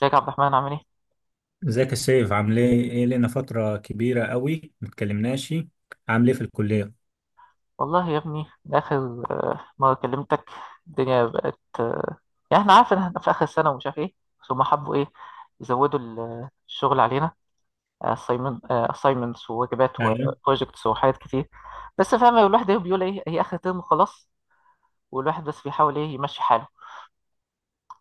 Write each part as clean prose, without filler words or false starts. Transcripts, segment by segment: ازيك يا عبد الرحمن عامل ايه؟ ازيك السيف؟ عامل ايه؟ ايه لنا فترة كبيرة قوي متكلمناش. عامل ايه في الكلية؟ والله يا ابني من آخر مرة كلمتك الدنيا بقت. يعني احنا عارف ان احنا في آخر السنة ومش عارف ايه، بس هما حبوا ايه يزودوا الشغل علينا. assignments وواجبات ايوه. وبروجكتس وحاجات كتير. بس فاهم الواحد ايه بيقول، ايه هي آخر ترم خلاص، والواحد بس بيحاول ايه يمشي حاله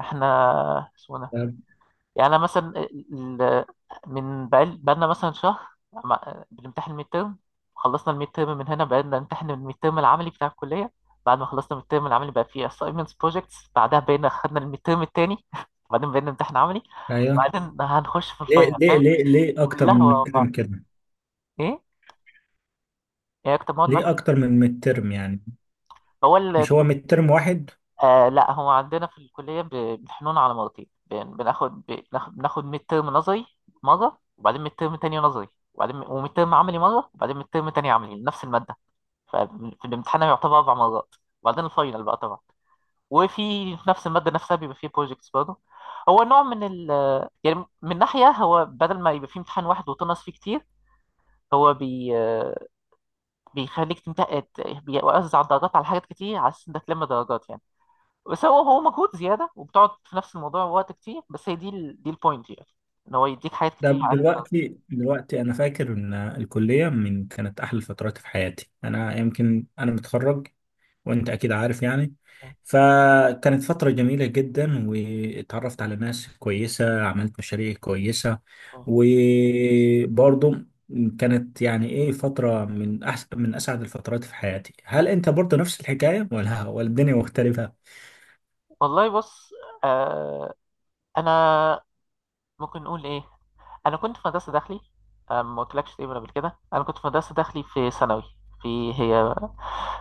احنا. طب. يعني أنا مثلا من بقالنا مثلا شهر بنمتحن الميد ترم. خلصنا الميد ترم من هنا بقينا نمتحن الميد ترم العملي بتاع الكلية. بعد ما خلصنا الميد ترم العملي بقى فيه assignments projects، بعدها بقينا خدنا الميد ترم التاني بعدين بقينا نمتحن عملي، ايوه. بعدين هنخش في ليه الفاينل ليه فاهم. ليه ليه اكتر كلها من ورا مترم بعض. كده؟ ايه، ايه اكتر مواد ليه معاك. اكتر من مترم يعني؟ هو مش هو مترم واحد؟ لا، هو عندنا في الكلية بنحنون على مرتين، بناخد ميد ترم نظري مرة وبعدين ميد ترم تاني نظري، وبعدين وميد ترم عملي مرة وبعدين ميد ترم تاني عملي نفس المادة. ففي الامتحان يعتبر 4 مرات، وبعدين الفاينل بقى طبعا. وفي في نفس المادة نفسها بيبقى فيه بروجكتس برضه. هو نوع من ال يعني من ناحية، هو بدل ما يبقى فيه امتحان واحد وتنقص فيه كتير، هو بي آه، بيخليك تمتحن، بيوزع الدرجات على حاجات كتير على أساس إنك تلم درجات يعني. بس هو مجهود زياده وبتقعد في نفس الموضوع وقت كتير، بس هي دي دي البوينت يعني، ان هو يديك حاجات ده كتير عليها. دلوقتي انا فاكر ان الكلية من كانت احلى الفترات في حياتي. انا يمكن انا متخرج وانت اكيد عارف يعني. فكانت فترة جميلة جدا، واتعرفت على ناس كويسة، عملت مشاريع كويسة، وبرضو كانت يعني ايه فترة من احسن، من اسعد الفترات في حياتي. هل انت برضو نفس الحكاية ولا ولا الدنيا مختلفة؟ والله بص، آه انا ممكن نقول ايه، انا كنت في مدرسه داخلي. ما قلتلكش تقريبا قبل كده، انا كنت في مدرسه داخلي في ثانوي. في هي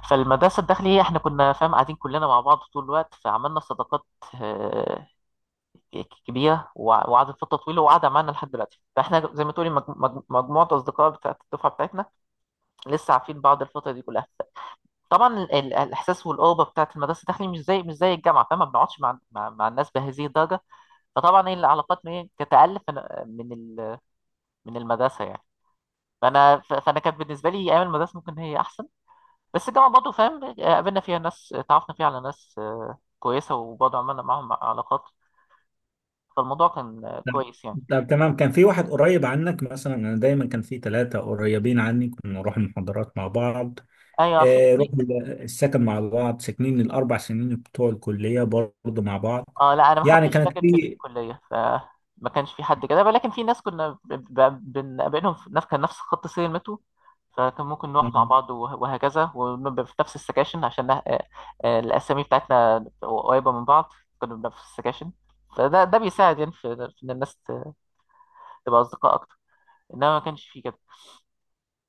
فالمدرسه الداخلي احنا كنا فاهم قاعدين كلنا مع بعض طول الوقت فعملنا صداقات آه كبيره، وقعدت فتره طويله وقاعده معانا لحد دلوقتي. فاحنا زي ما تقولي مجموعه اصدقاء بتاعت الدفعه بتاعتنا، لسه عارفين بعض الفتره دي كلها. طبعا الاحساس والقربه بتاعت المدرسه الداخلي مش زي مش زي الجامعه، فما بنقعدش مع مع الناس بهذه الدرجه. فطبعا ايه العلاقات تتالف من من ال- من المدرسه يعني. فانا كانت بالنسبه لي ايام المدرسه ممكن هي احسن، بس الجامعه برضه فاهم قابلنا فيها ناس، تعرفنا فيها على ناس كويسه وبرضه عملنا معاهم علاقات، فالموضوع كان لا. كويس يعني. طب تمام. كان في واحد قريب عنك مثلا، انا دايما كان في ثلاثة قريبين عني. كنا نروح المحاضرات مع بعض. ايوه، في آه. في. رحنا السكن مع بعض، ساكنين الأربع سنين بتوع الكلية برضه مع بعض. اه لا، انا ما يعني خدتش كانت سكن في في، الكليه، ف ما كانش في حد كده، ولكن في ناس كنا بنقابلهم في نفس كان نفس خط سير المترو، فكان ممكن آه، نروح مع بعض وهكذا، ونبقى في نفس السكاشن عشان الاسامي بتاعتنا قريبه من بعض، كنا بنبقى في السكاشن. فده بيساعد يعني في في ان الناس تبقى اصدقاء اكتر، انما ما كانش فيه كده.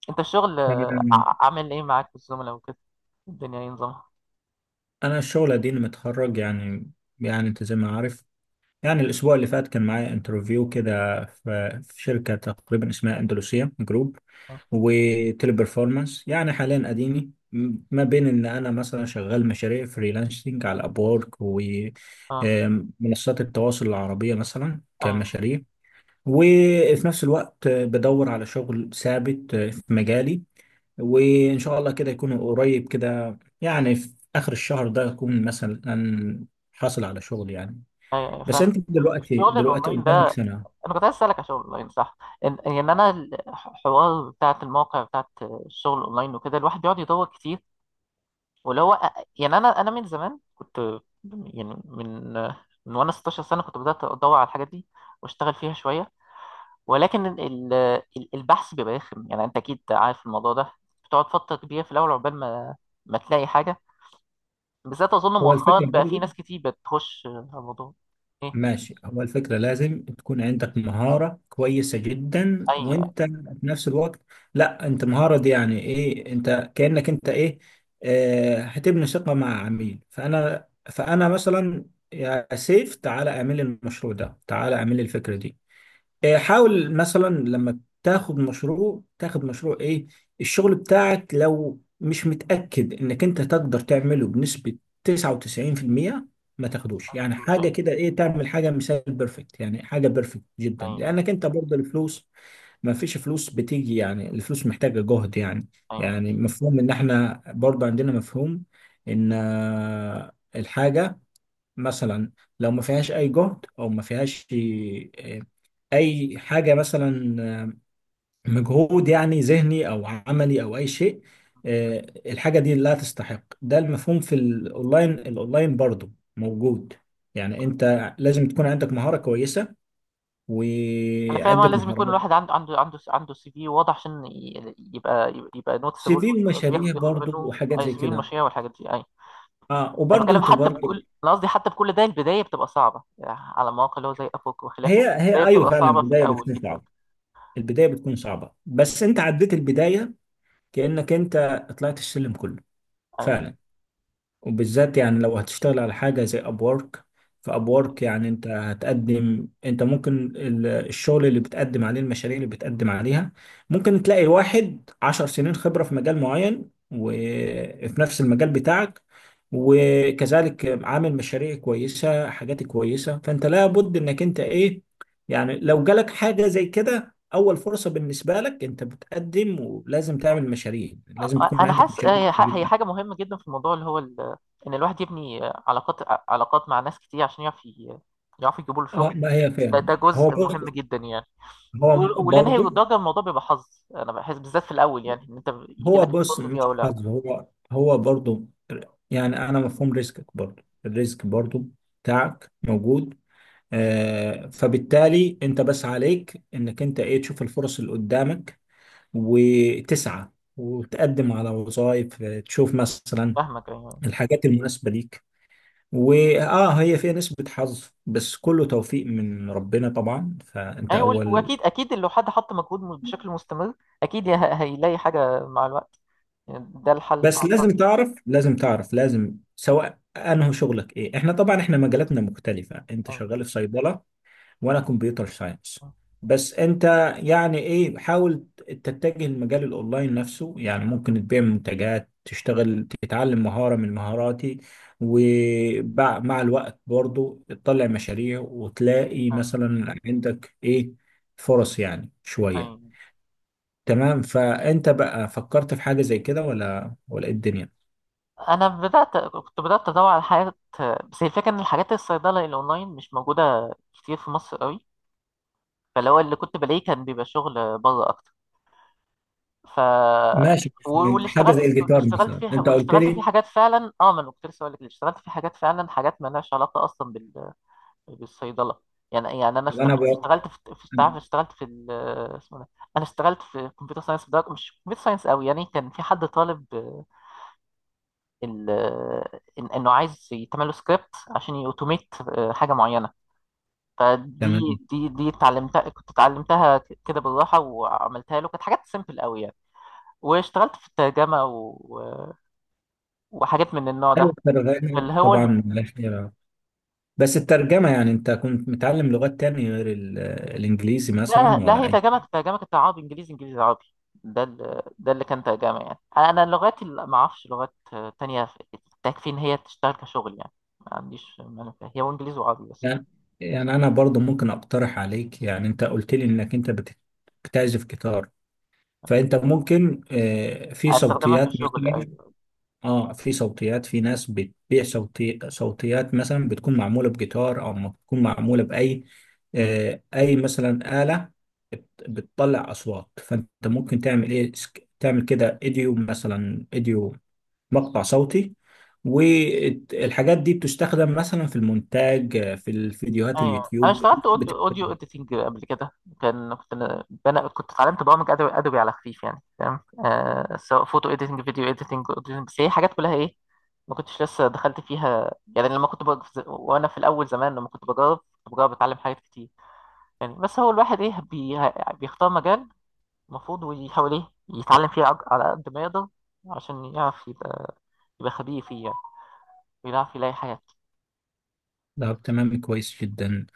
انت الشغل أنا عامل ايه معاك والزملاء وكده، الدنيا ايه نظامها؟ أنا الشغل أديني متخرج يعني. يعني أنت زي ما عارف. يعني الأسبوع اللي فات كان معايا انترفيو كده في شركة تقريبا اسمها أندلسية جروب اه. وتيلي بيرفورمانس. يعني حاليا أديني ما بين إن أنا مثلا شغال مشاريع فريلانسنج على أبورك آه، ومنصات التواصل العربية مثلا ايوه. كمشاريع. وفي نفس الوقت بدور على شغل ثابت في مجالي. وإن شاء الله كده يكون قريب، كده يعني في آخر الشهر ده أكون مثلا حاصل على شغل يعني. ايوه أيوة، بس فاهم. أنت دلوقتي الشغل دلوقتي الاونلاين قدامك ده سنة. انا كنت عايز اسالك عشان اونلاين صح، ان يعني انا الحوار بتاعت المواقع بتاعت الشغل اونلاين وكده، الواحد بيقعد يدور كتير. واللي هو يعني انا من زمان كنت، يعني من وانا 16 سنة سنه كنت بدات ادور على الحاجات دي واشتغل فيها شويه. ولكن البحث بيبقى رخم، يعني انت اكيد عارف الموضوع ده، بتقعد فتره كبيره في الاول عقبال ما تلاقي حاجه، بالذات اظن هو مؤخرا الفكرة، بقى في ناس كتير بتخش على الموضوع. ايه. ماشي. هو الفكرة لازم تكون عندك مهارة كويسة جدا، ايوه، وانت في نفس الوقت، لا انت مهارة دي يعني ايه؟ انت كأنك انت ايه، اه، هتبني ثقة مع عميل. فانا مثلا يا سيف تعالى اعمل لي المشروع ده، تعالى اعمل لي الفكرة دي. حاول مثلا لما تاخد مشروع، تاخد مشروع ايه، الشغل بتاعك لو مش متأكد انك انت تقدر تعمله بنسبة 99%، ما تاخدوش. ما يعني شفتوش. حاجة كده، ايه، تعمل حاجة مثال بيرفكت، يعني حاجة بيرفكت جدا، أيوة. لانك انت برضه الفلوس، ما فيش فلوس بتيجي يعني. الفلوس محتاجة جهد يعني. أيوة. يعني مفهوم ان احنا برضه عندنا مفهوم ان الحاجة، مثلا لو ما فيهاش اي جهد، او ما فيهاش اي حاجه، مثلا آه، مجهود يعني، ذهني او عملي او اي شيء، الحاجه دي لا تستحق. ده المفهوم في الاونلاين برضو موجود. يعني انت لازم تكون عندك مهاره كويسه انا فاهم، اه وعده لازم يكون مهارات. الواحد عنده سي في واضح عشان يبقى سي نوتسبل، في ومشاريع ياخد برضو منه وحاجات اي. سي زي في كده. المشاريع والحاجات دي اي. اه، انا وبرضو بتكلم انت حتى برضو بكل، انا قصدي حتى بكل ده البدايه بتبقى صعبه يعني، على مواقع اللي هو زي ابوك هي وخلافه هي البدايه ايوه بتبقى فعلا. صعبه في البدايه الاول بتكون جدا. صعبه. البدايه بتكون صعبه بس انت عديت البدايه، كانك انت طلعت السلم كله أي. فعلا. وبالذات يعني لو هتشتغل على حاجة زي أبورك، فأبورك يعني أنت هتقدم، أنت ممكن الشغل اللي بتقدم عليه، المشاريع اللي بتقدم عليها، ممكن تلاقي واحد 10 سنين خبرة في مجال معين وفي نفس المجال بتاعك، وكذلك عامل مشاريع كويسة، حاجات كويسة. فأنت لابد إنك أنت، إيه، يعني لو جالك حاجة زي كده أول فرصة بالنسبة لك، أنت بتقدم، ولازم تعمل مشاريع، لازم تكون انا عندك حاسس مشاريع. هي حاجه مهمه جدا في الموضوع اللي هو ان الواحد يبني علاقات، علاقات مع ناس كتير عشان يعرف يعرف يجيبوا له اه، شغل. ما هي ده فعلا. ده هو جزء مهم بص، جدا يعني. هو واللي نهي برضه. الدرجه الموضوع بيبقى حظ، انا بحس بالذات في الاول يعني ان انت يجي هو لك بص، الفرصه دي مش او لا. حظ. هو برضه، يعني انا مفهوم ريسكك. برضه الريسك برضه بتاعك موجود. آه، فبالتالي انت بس عليك انك انت ايه، تشوف الفرص اللي قدامك وتسعى، وتقدم على وظائف. تشوف مثلا فاهمك ايوه. الحاجات المناسبة ليك. واه، هي فيها نسبة حظ بس كله توفيق من ربنا طبعا. فانت ايوه، اول، واكيد لو حد حط مجهود بشكل مستمر اكيد هيلاقي حاجه مع الوقت، يعني ده الحل بتاع بس الفرد. لازم سواء انه شغلك ايه، احنا طبعا احنا مجالاتنا مختلفة. انت ايوه. شغال في صيدلة وانا كمبيوتر ساينس. بس انت يعني ايه، حاول تتجه لمجال الاونلاين نفسه. يعني ممكن تبيع منتجات، تشتغل، تتعلم مهارة من مهاراتي، ومع الوقت برضو تطلع مشاريع وتلاقي ايوه. مثلا عندك ايه فرص يعني شوية. ايوه. تمام. فانت بقى فكرت في حاجة زي كده ولا ايه الدنيا؟ انا كنت بدات ادور على حاجات، بس هي الفكره ان الحاجات الصيدله الاونلاين مش موجوده كتير في مصر قوي، فاللي هو اللي كنت بلاقيه كان بيبقى شغل بره اكتر، ف ماشي. واللي حاجة اشتغلت زي فيه واللي الجيتار اشتغلت مثلا فيه انت واللي قلت اشتغلت فيه لي. حاجات فعلا، اه ما انا كنت لسه هقول لك، اللي اشتغلت فيه حاجات فعلا حاجات ما لهاش علاقه اصلا بالصيدله. يعني انا طب انا اشتغلت بقى، اشتغلت في في تعرف، اشتغلت في اسمه إيه ده، انا اشتغلت في كمبيوتر ساينس بدرجه مش كمبيوتر ساينس قوي يعني. كان في حد طالب انه عايز يتعمل له سكريبت عشان يوتوميت حاجه معينه. فدي تمام. دي دي اتعلمتها، كنت اتعلمتها كده بالراحه وعملتها له، كانت حاجات سيمبل قوي يعني. واشتغلت في الترجمة و... وحاجات من النوع ده، ايوه اللي الترجمة هو الم... طبعا، لا خير. بس الترجمة، يعني انت كنت متعلم لغات تانية غير الانجليزي تمام، لا مثلا لا، ولا هي اي؟ ترجمة، ترجمة كانت عربي إنجليزي إنجليزي عربي، ده ال... ده اللي كان ترجمة يعني. أنا اللغات اللي ما أعرفش لغات تانية تكفي إن هي تشتغل كشغل يعني، ما عنديش مانع فيها، هي وإنجليزي وعربي بس. يعني، يعني انا برضو ممكن اقترح عليك، يعني انت قلت لي انك انت بتعزف جيتار، فانت ممكن في بالظبط أستخدمها صوتيات كشغل مثلا. أيوة. اه، في صوتيات. في ناس بتبيع صوتيات مثلا، بتكون معموله بجيتار او ما بتكون معموله باي اي مثلا آلة بتطلع اصوات. فانت ممكن تعمل ايه، تعمل كده ايديو مثلا، ايديو، مقطع صوتي. والحاجات دي بتستخدم مثلا في المونتاج، في الفيديوهات، ايوه، انا اليوتيوب. اشتغلت اوديو اديتنج قبل كده، كان كنت انا كنت اتعلمت برامج ادوبي على خفيف يعني فاهم، آه سواء فوتو اديتنج فيديو اديتنج اديتنج، بس هي حاجات كلها ايه ما كنتش لسه دخلت فيها يعني. لما كنت وانا في الاول زمان لما كنت بجرب كنت بجرب اتعلم حاجات كتير يعني. بس هو الواحد ايه بيختار مجال المفروض ويحاول ايه يتعلم فيه على قد ما يقدر عشان يعرف يبقى، خبير فيه يعني، ويعرف يلاقي حاجات. طب تمام، كويس جدا.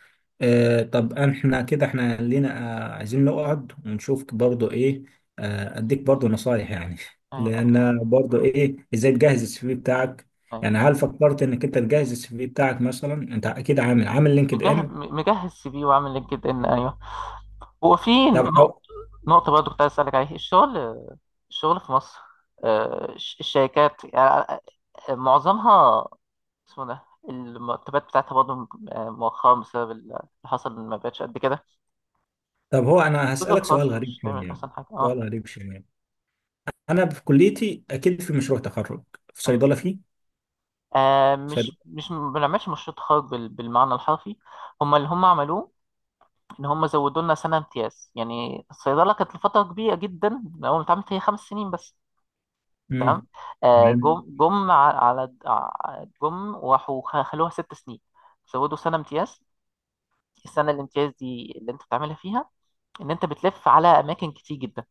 طب احنا كده احنا لينا، عايزين نقعد ونشوف برضو ايه، اديك برضو نصايح يعني أيوة. أيوة. لان برضو ايه، ازاي تجهز السي في بتاعك يعني؟ أيوة. هل فكرت انك انت تجهز السي في بتاعك؟ مثلا انت اكيد عامل لينكد مجهز، ان. مجهز سي في وعامل لينكد ان ايوه. هو في طب نقطة، هو نقطة برضه كنت عايز أسألك عليها. الشغل، الشغل في مصر الشركات يعني، معظمها اسمه ده، المرتبات بتاعتها برضه مؤخرا بسبب اللي حصل ما بقتش قد كده. طب هو انا الجزء هسألك الخاص سؤال غريب مش دايما شوية أحسن حاجة اه. سؤال غريب شوية انا في كليتي اكيد في مشروع تخرج. في أيوة. صيدلة فيه؟ آه، صيدلة. مش مش ما بنعملش مشروع تخرج بالمعنى الحرفي. هما اللي هما عملوه، إن هما زودوا لنا سنة امتياز. يعني الصيدلة كانت لفترة كبيرة جدا من أول ما اتعملت هي 5 سنين بس. تمام. امم. آه، تمام. جم جم ع- على ع- جم وراحوا خلوها 6 سنين. زودوا سنة امتياز. السنة الامتياز دي اللي انت بتعملها فيها ان انت بتلف على اماكن كتير جدا،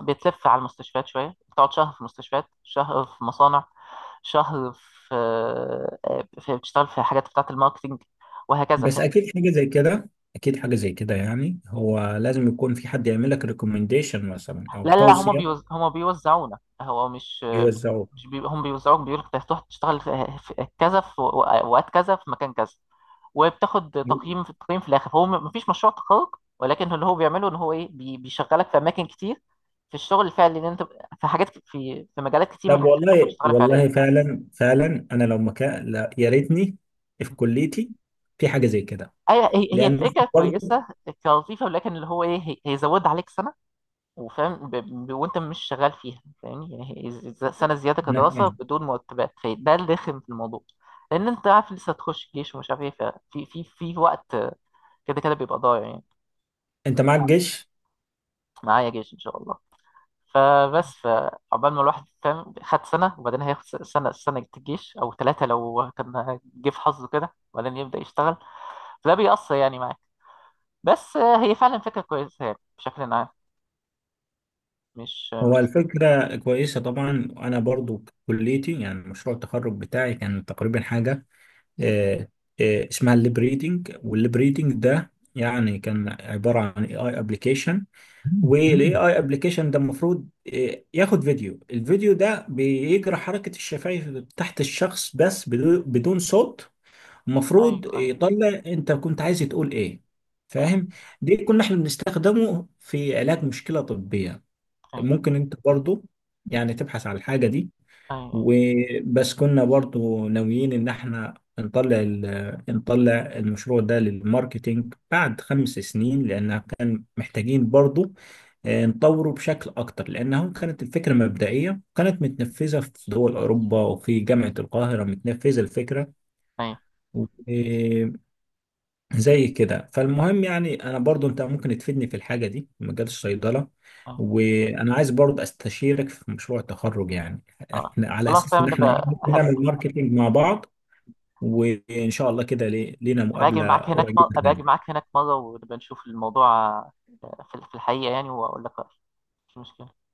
بتلف على المستشفيات شوية، بتقعد شهر في مستشفيات، شهر في مصانع، شهر في, بتشتغل في حاجات بتاعة الماركتينج وهكذا بس في. اكيد حاجه زي كده يعني هو لازم يكون في حد يعمل لك ريكومنديشن مثلا لا او لا لا، هما توصيه. هما بيوزعونا، هو مش، يوزعوه؟ هم بيوزعوك، بيقولك انت هتروح تشتغل في... في كذا في وقت كذا في مكان كذا، وبتاخد تقييم في التقييم في الاخر. هو مفيش مشروع تخرج، ولكن اللي هو بيعمله ان هو ايه بيشغلك في اماكن كتير في الشغل الفعلي ان انت في حاجات في في مجالات كتير من طب الحاجات اللي انت ممكن والله تشتغل والله فعليا. فعلا انا لو مكان، لا يا ريتني في كليتي في حاجه زي كده. ايوه، هي لان فكره إحنا برضه، كويسه كلطيفه، ولكن اللي هو ايه هيزودها عليك سنه وفاهم وانت مش شغال فيها فاهمني، يعني هي سنه زياده إحنا- كدراسه بدون مرتبات، فده اللي رخم في الموضوع. لان انت عارف لسه هتخش جيش ومش عارف ايه، ففي في وقت كده كده بيبقى ضايع يعني. انت معاك جيش. معايا جيش ان شاء الله. فبس فعقبال ما الواحد فاهم خد سنه وبعدين هياخد سنه الجيش او ثلاثه لو كان جه في حظه كده، وبعدين يبدا يشتغل، فده بيأثر يعني معاك. بس هي فعلا فكره كويسه يعني بشكل عام، مش هو مش الفكره كويسه طبعا. انا برضه كليتي، يعني مشروع التخرج بتاعي كان تقريبا حاجه، آه، اسمها الليب ريدنج. والليب ريدنج ده يعني كان عبارة عن اي اي ابلكيشن، والاي اي ابلكيشن ده المفروض ياخد فيديو، الفيديو ده بيجرى حركة الشفايف تحت الشخص بس بدون صوت، ايوه. المفروض ايوه. يطلع انت كنت عايز تقول ايه. فاهم؟ دي كنا احنا بنستخدمه في علاج مشكلة طبية، ايوه. ممكن انت برضو يعني تبحث على الحاجة دي. ايوه. وبس كنا برضو ناويين ان احنا نطلع نطلع المشروع ده للماركتينج بعد 5 سنين، لان كان محتاجين برضو نطوره بشكل اكتر، لانها كانت الفكرة مبدئية، كانت متنفذة في دول اوروبا وفي جامعة القاهرة متنفذة الفكرة ايوه. زي كده. فالمهم يعني انا برضو، انت ممكن تفيدني في الحاجه دي في مجال الصيدله، أيوه. وانا عايز برضو استشيرك في مشروع التخرج يعني، اه احنا على خلاص اساس تمام ان احنا إيه، نبقى نعمل ماركتينج مع بعض، وان شاء الله كده لينا مقابله هبقى اجي قريبه. معاك هناك مرة ونبقى نشوف الموضوع، في في الحقيقة يعني واقول لك رأيي، مش مشكلة.